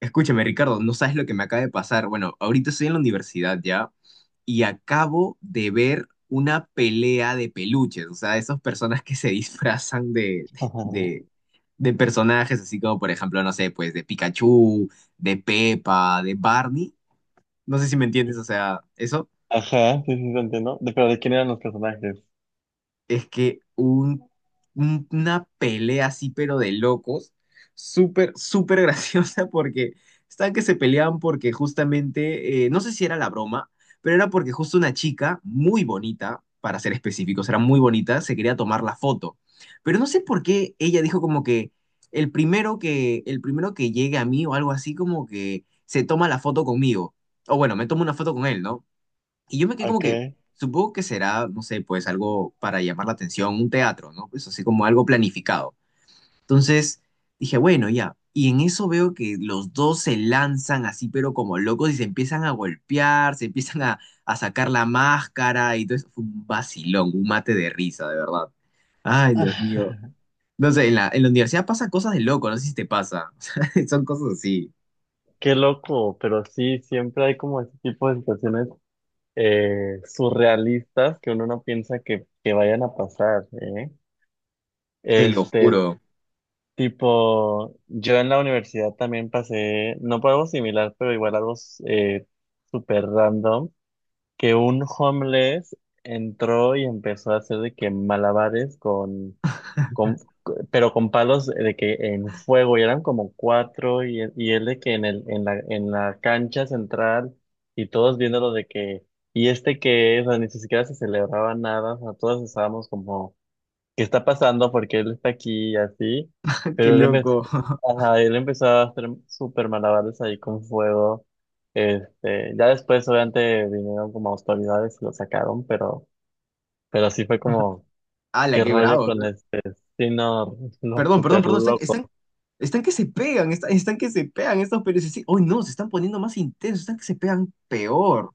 Escúchame, Ricardo, no sabes lo que me acaba de pasar. Bueno, ahorita estoy en la universidad ya y acabo de ver una pelea de peluches, o sea, esas personas que se disfrazan de, de personajes, así como por ejemplo, no sé, pues de Pikachu, de Peppa, de Barney. No sé si me entiendes, o sea, eso. Ajá, sí, sí, te entiendo. Pero ¿de quién eran los personajes? Es que una pelea así, pero de locos, súper, súper graciosa porque estaban que se peleaban porque justamente, no sé si era la broma, pero era porque justo una chica muy bonita, para ser específicos, era muy bonita, se quería tomar la foto. Pero no sé por qué ella dijo como que el primero que llegue a mí o algo así como que se toma la foto conmigo. O bueno, me tomo una foto con él, ¿no? Y yo me quedé ¿A como que, qué? supongo que será, no sé, pues algo para llamar la atención, un teatro, ¿no? Pues así como algo planificado. Entonces dije, bueno, ya. Y en eso veo que los dos se lanzan así, pero como locos, y se empiezan a golpear, se empiezan a sacar la máscara y todo eso. Fue un vacilón, un mate de risa, de verdad. Ay, Dios Ah, mío. No sé, en la universidad pasan cosas de loco, no sé si te pasa. Son cosas así, qué loco, pero sí, siempre hay como ese tipo de situaciones surrealistas que uno no piensa que vayan a pasar, ¿eh? te lo Este, juro. tipo, yo en la universidad también pasé, no por algo similar, pero igual algo eh, súper random, que un homeless entró y empezó a hacer de que malabares con, pero con palos de que en fuego y eran como cuatro y él de que en en la cancha central y todos viéndolo de que, y este qué es, o sea, ni siquiera se celebraba nada, o sea, todos estábamos como, ¿qué está pasando? Porque él está aquí y así, Qué pero él empezó, loco. ajá, él empezó a hacer súper malabares ahí con fuego. Ya después obviamente vinieron como autoridades y lo sacaron, pero sí fue como, ¡Hala, ¿qué qué rollo bravo! con eso? Sí, no, no, Perdón, perdón, súper perdón, están, loco. están, están que se pegan, están que se pegan estos periodistas. Sí, hoy no, se están poniendo más intensos, están que se pegan peor.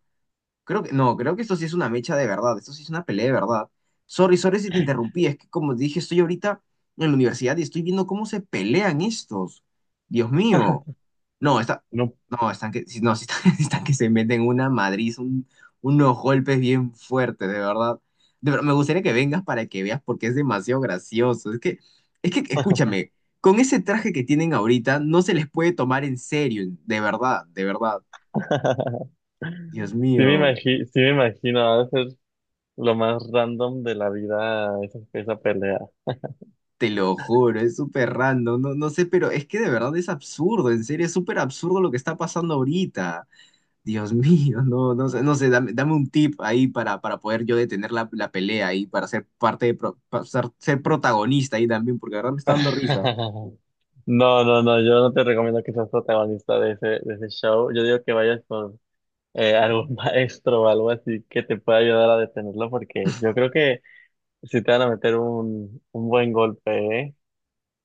Creo que, no, creo que esto sí es una mecha de verdad, esto sí es una pelea de verdad. Sorry, sorry si te interrumpí, es que como dije, estoy ahorita en la universidad y estoy viendo cómo se pelean estos. Dios mío. No, está, No. no, están que, sí, no, sí están, sí están que se meten una madriz, unos golpes bien fuertes, de verdad. De verdad, me gustaría que vengas para que veas porque es demasiado gracioso. Escúchame, con ese traje que tienen ahorita no se les puede tomar en serio, de verdad, de verdad. Dios mío, sí me imagino, va a ser lo más random de la vida esa, esa pelea. te lo juro, es súper random, no, no sé, pero es que de verdad es absurdo, en serio, es súper absurdo lo que está pasando ahorita. Dios mío, no, no sé, no sé, dame, dame un tip ahí para poder yo detener la, la pelea ahí, para ser parte para ser protagonista ahí también, porque ahora me está dando risa. No, no, no, yo no te recomiendo que seas protagonista de ese show. Yo digo que vayas con algún maestro o algo así que te pueda ayudar a detenerlo, porque yo creo que si te van a meter un buen golpe, ¿eh?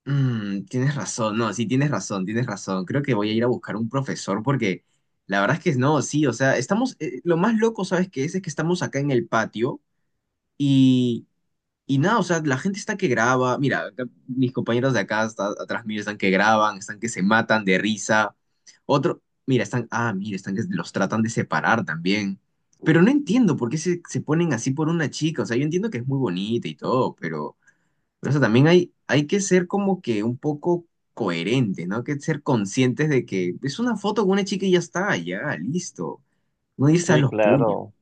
Mm, tienes razón, no, sí, tienes razón, tienes razón. Creo que voy a ir a buscar un profesor porque la verdad es que no, sí, o sea, estamos, lo más loco, ¿sabes qué es? Es que estamos acá en el patio y Y nada, o sea, la gente está que graba. Mira, acá mis compañeros de acá, atrás mío, están que graban, están que se matan de risa. Otro, mira, están, ah, mira, están que los tratan de separar también. Pero no entiendo por qué se ponen así por una chica. O sea, yo entiendo que es muy bonita y todo, pero, o sea, también hay que ser como que un poco coherente, ¿no? Hay que ser conscientes de que es una foto con una chica y ya está, ya, listo. No irse a Sí, los, sí, puños. claro.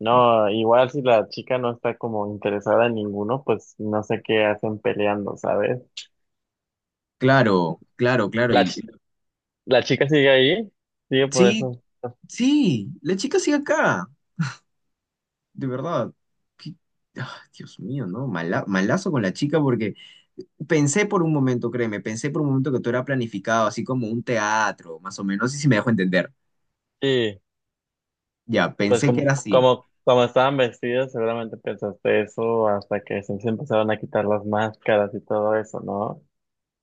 No, igual si la chica no está como interesada en ninguno, pues no sé qué hacen peleando, ¿sabes? Claro, claro, claro. La, ch- la chica sigue ahí, sigue por Sí, eso. sí, la chica sigue acá, de verdad. Qué- ah, Dios mío, ¿no? Mala- malazo con la chica porque pensé por un momento, créeme, pensé por un momento que todo era planificado, así como un teatro, más o menos, y si me dejo entender. Sí, Ya, pues pensé que como, era así. como, como estaban vestidos, seguramente pensaste eso hasta se empezaron a quitar las máscaras y todo eso, ¿no?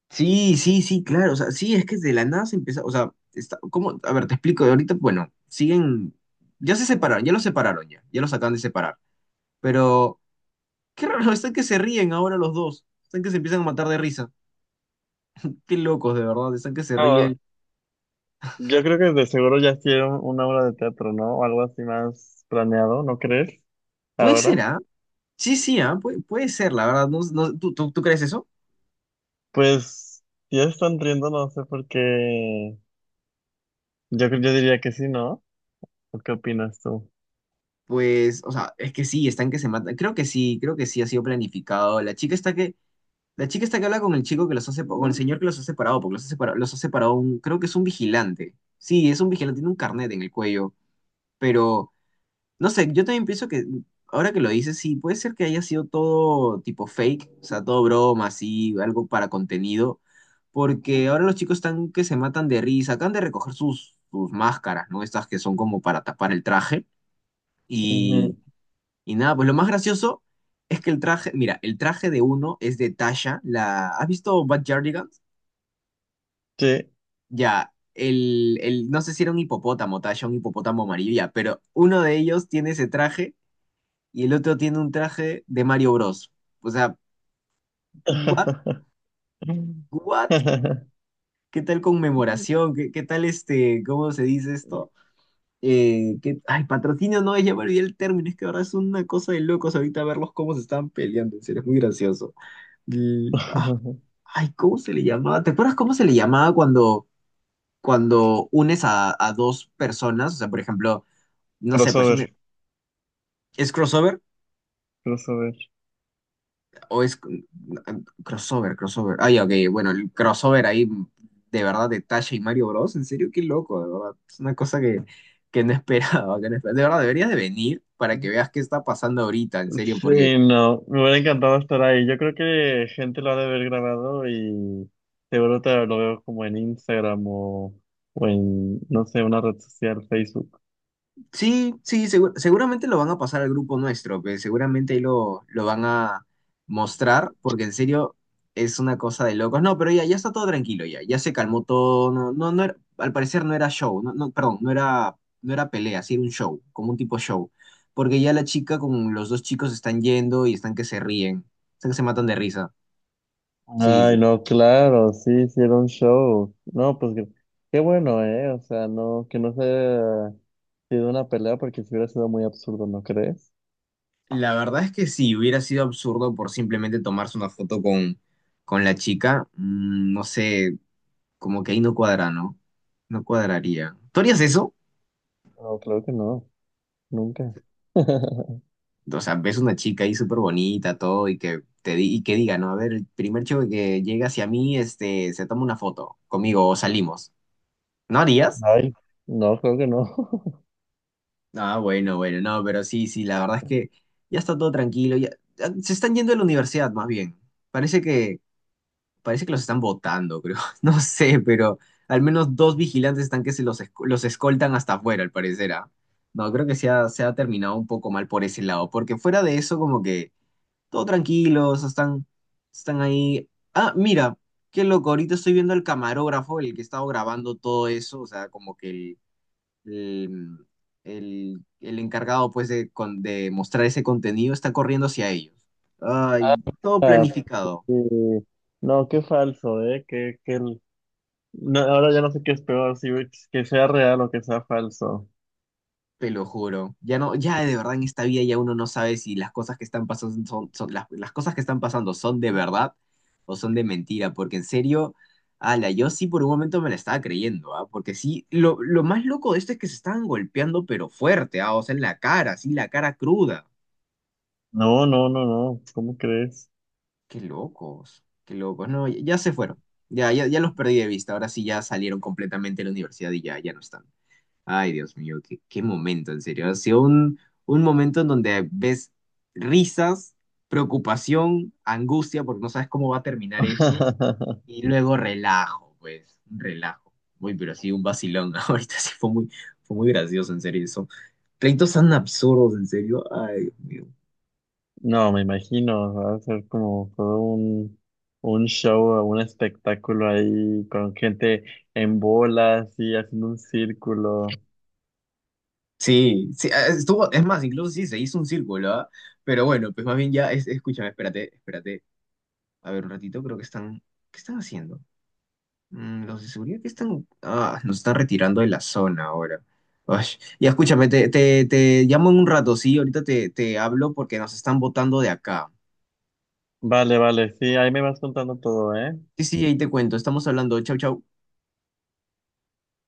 Sí, sí, sí, claro, o sea, sí, es que de la nada se empieza, o sea, está, ¿cómo? A ver, te explico, ahorita, bueno, siguen, ya se separaron, ya los separaron ya, ya los acaban de separar, pero qué raro, están que se ríen ahora los dos, están que se empiezan a matar de risa, qué locos, de verdad, están que se No, ríen. yo creo que de seguro ya hicieron una obra de teatro, ¿no? O algo así más planeado, ¿no crees? Puede ser, Ahora, ¿ah? Sí, sí, ¿ah? Puede, puede ser, la verdad. No, ¿tú crees eso? pues ya están riendo, no sé por qué. Yo, yo diría que sí, ¿no? ¿O qué opinas tú? Pues, o sea, es que sí, están que se matan. Creo que sí ha sido planificado. La chica está que habla con el chico que los ha separado, con el señor que los ha separado, porque los ha separado un, creo que es un vigilante. Sí, es un vigilante, tiene un carnet en el cuello, pero no sé, yo también pienso que, ahora que lo dices, sí, puede ser que haya sido todo tipo fake, o sea, todo broma, así, algo para contenido, porque ahora los chicos están que se matan de risa, acaban de recoger sus máscaras, ¿no? Estas que son como para tapar el traje, y, Ujú. y nada, pues lo más gracioso es que el traje, mira, el traje de uno es de Tasha, la, ¿has visto Bad Jardigans? Sí. Ya, no sé si era un hipopótamo, Tasha, un hipopótamo amarillo, ya, pero uno de ellos tiene ese traje y el otro tiene un traje de Mario Bros. O sea, what, what, qué tal conmemoración, qué tal este, ¿cómo se dice esto? Qué- ay, patrocinio no es, ya me olvidé el término, es que ahora es una cosa de locos ahorita verlos cómo se están peleando, en serio, es muy gracioso. L- ah, ay, ¿cómo se le llamaba? ¿Te acuerdas cómo se le llamaba cuando, cuando unes a dos personas? O sea, por ejemplo, no sé, pues un, Crossover, es crossover crossover. o es crossover, crossover. Ay, ok, bueno, el crossover ahí de verdad de Tasha y Mario Bros. En serio, qué loco, de verdad. Es una cosa que no esperaba, que no esperaba. De verdad, deberías de venir para que veas qué está pasando ahorita, en serio, Sí, porque no, me hubiera encantado estar ahí. Yo creo que gente lo ha de haber grabado y seguro te lo veo como en Instagram o en, no sé, una red social, Facebook. sí, sí, seguramente lo van a pasar al grupo nuestro, que seguramente ahí lo van a mostrar, porque en serio es una cosa de locos. No, pero ya, ya está todo tranquilo, ya, ya se calmó todo, no, no, al parecer no era show, no, no, perdón, no era pelea, sí era un show, como un tipo show, porque ya la chica con los dos chicos están yendo y están que se ríen, están que se matan de risa. Sí, Ay, sí. no, claro, sí, hicieron show. No, pues qué, qué bueno, ¿eh? O sea, no, que no se haya sido una pelea porque si hubiera sido muy absurdo, ¿no crees? La verdad es que sí, hubiera sido absurdo por simplemente tomarse una foto con la chica, mm, no sé. Como que ahí no cuadra, ¿no? No cuadraría. ¿Tú harías eso? No, creo que no, nunca. O sea, ves una chica ahí súper bonita, todo, y y que diga, ¿no? A ver, el primer chico que llega hacia mí, este, se toma una foto conmigo o salimos. ¿No harías? Ay, no, creo que no. Ah, bueno, bueno, no, pero sí, sí, la verdad es que ya está todo tranquilo, ya, ya se están yendo a la universidad más bien. Parece que parece que los están botando, creo. No sé, pero al menos dos vigilantes están que se los, los escoltan hasta afuera, al parecer. Ah. No, creo que se ha terminado un poco mal por ese lado, porque fuera de eso, como que todo tranquilos, están, están ahí. Ah, mira, qué loco, ahorita estoy viendo al camarógrafo, el que estaba grabando todo eso, o sea, como que el, el encargado, pues, de mostrar ese contenido está corriendo hacia ellos. Ay, todo Ah, planificado. sí. No, qué falso, ¿eh? No, ahora ya no sé qué es peor, si que sea real o que sea falso. Te lo juro. Ya no, ya de verdad en esta vida ya uno no sabe si las cosas que están pasando las cosas que están pasando son de verdad o son de mentira, porque en serio, ala, yo sí por un momento me la estaba creyendo, ¿ah? Porque sí, lo más loco de esto es que se estaban golpeando, pero fuerte, ¿ah? O sea, en la cara, sí, la cara cruda. No, no, no, no, ¿cómo crees? Qué locos, qué locos. No, ya, ya se fueron. Ya, ya, ya los perdí de vista. Ahora sí ya salieron completamente de la universidad y ya, ya no están. Ay, Dios mío, qué momento, en serio. Ha sido un momento en donde ves risas, preocupación, angustia, porque no sabes cómo va a terminar eso, y luego relajo, pues, un relajo. Muy, pero sí, un vacilón. Ahorita sí fue muy gracioso, en serio, eso. Pleitos tan absurdos, en serio. Ay, Dios mío. No, me imagino, va a ser como todo un show, un espectáculo ahí con gente en bolas y haciendo un círculo. Sí, sí, ah, estuvo, es más, incluso sí, se hizo un círculo, ¿ah? Pero bueno, pues más bien ya, escúchame, espérate, espérate. A ver, un ratito, ¿qué están haciendo? Mm, los de seguridad que están. Ah, nos están retirando de la zona ahora. Ay, ya escúchame, te llamo en un rato, sí. Ahorita te hablo porque nos están botando de acá. Vale, vale, sí, ahí me vas contando todo, ¿eh? Sí, sí, ahí te cuento. Estamos hablando. Chau, chau.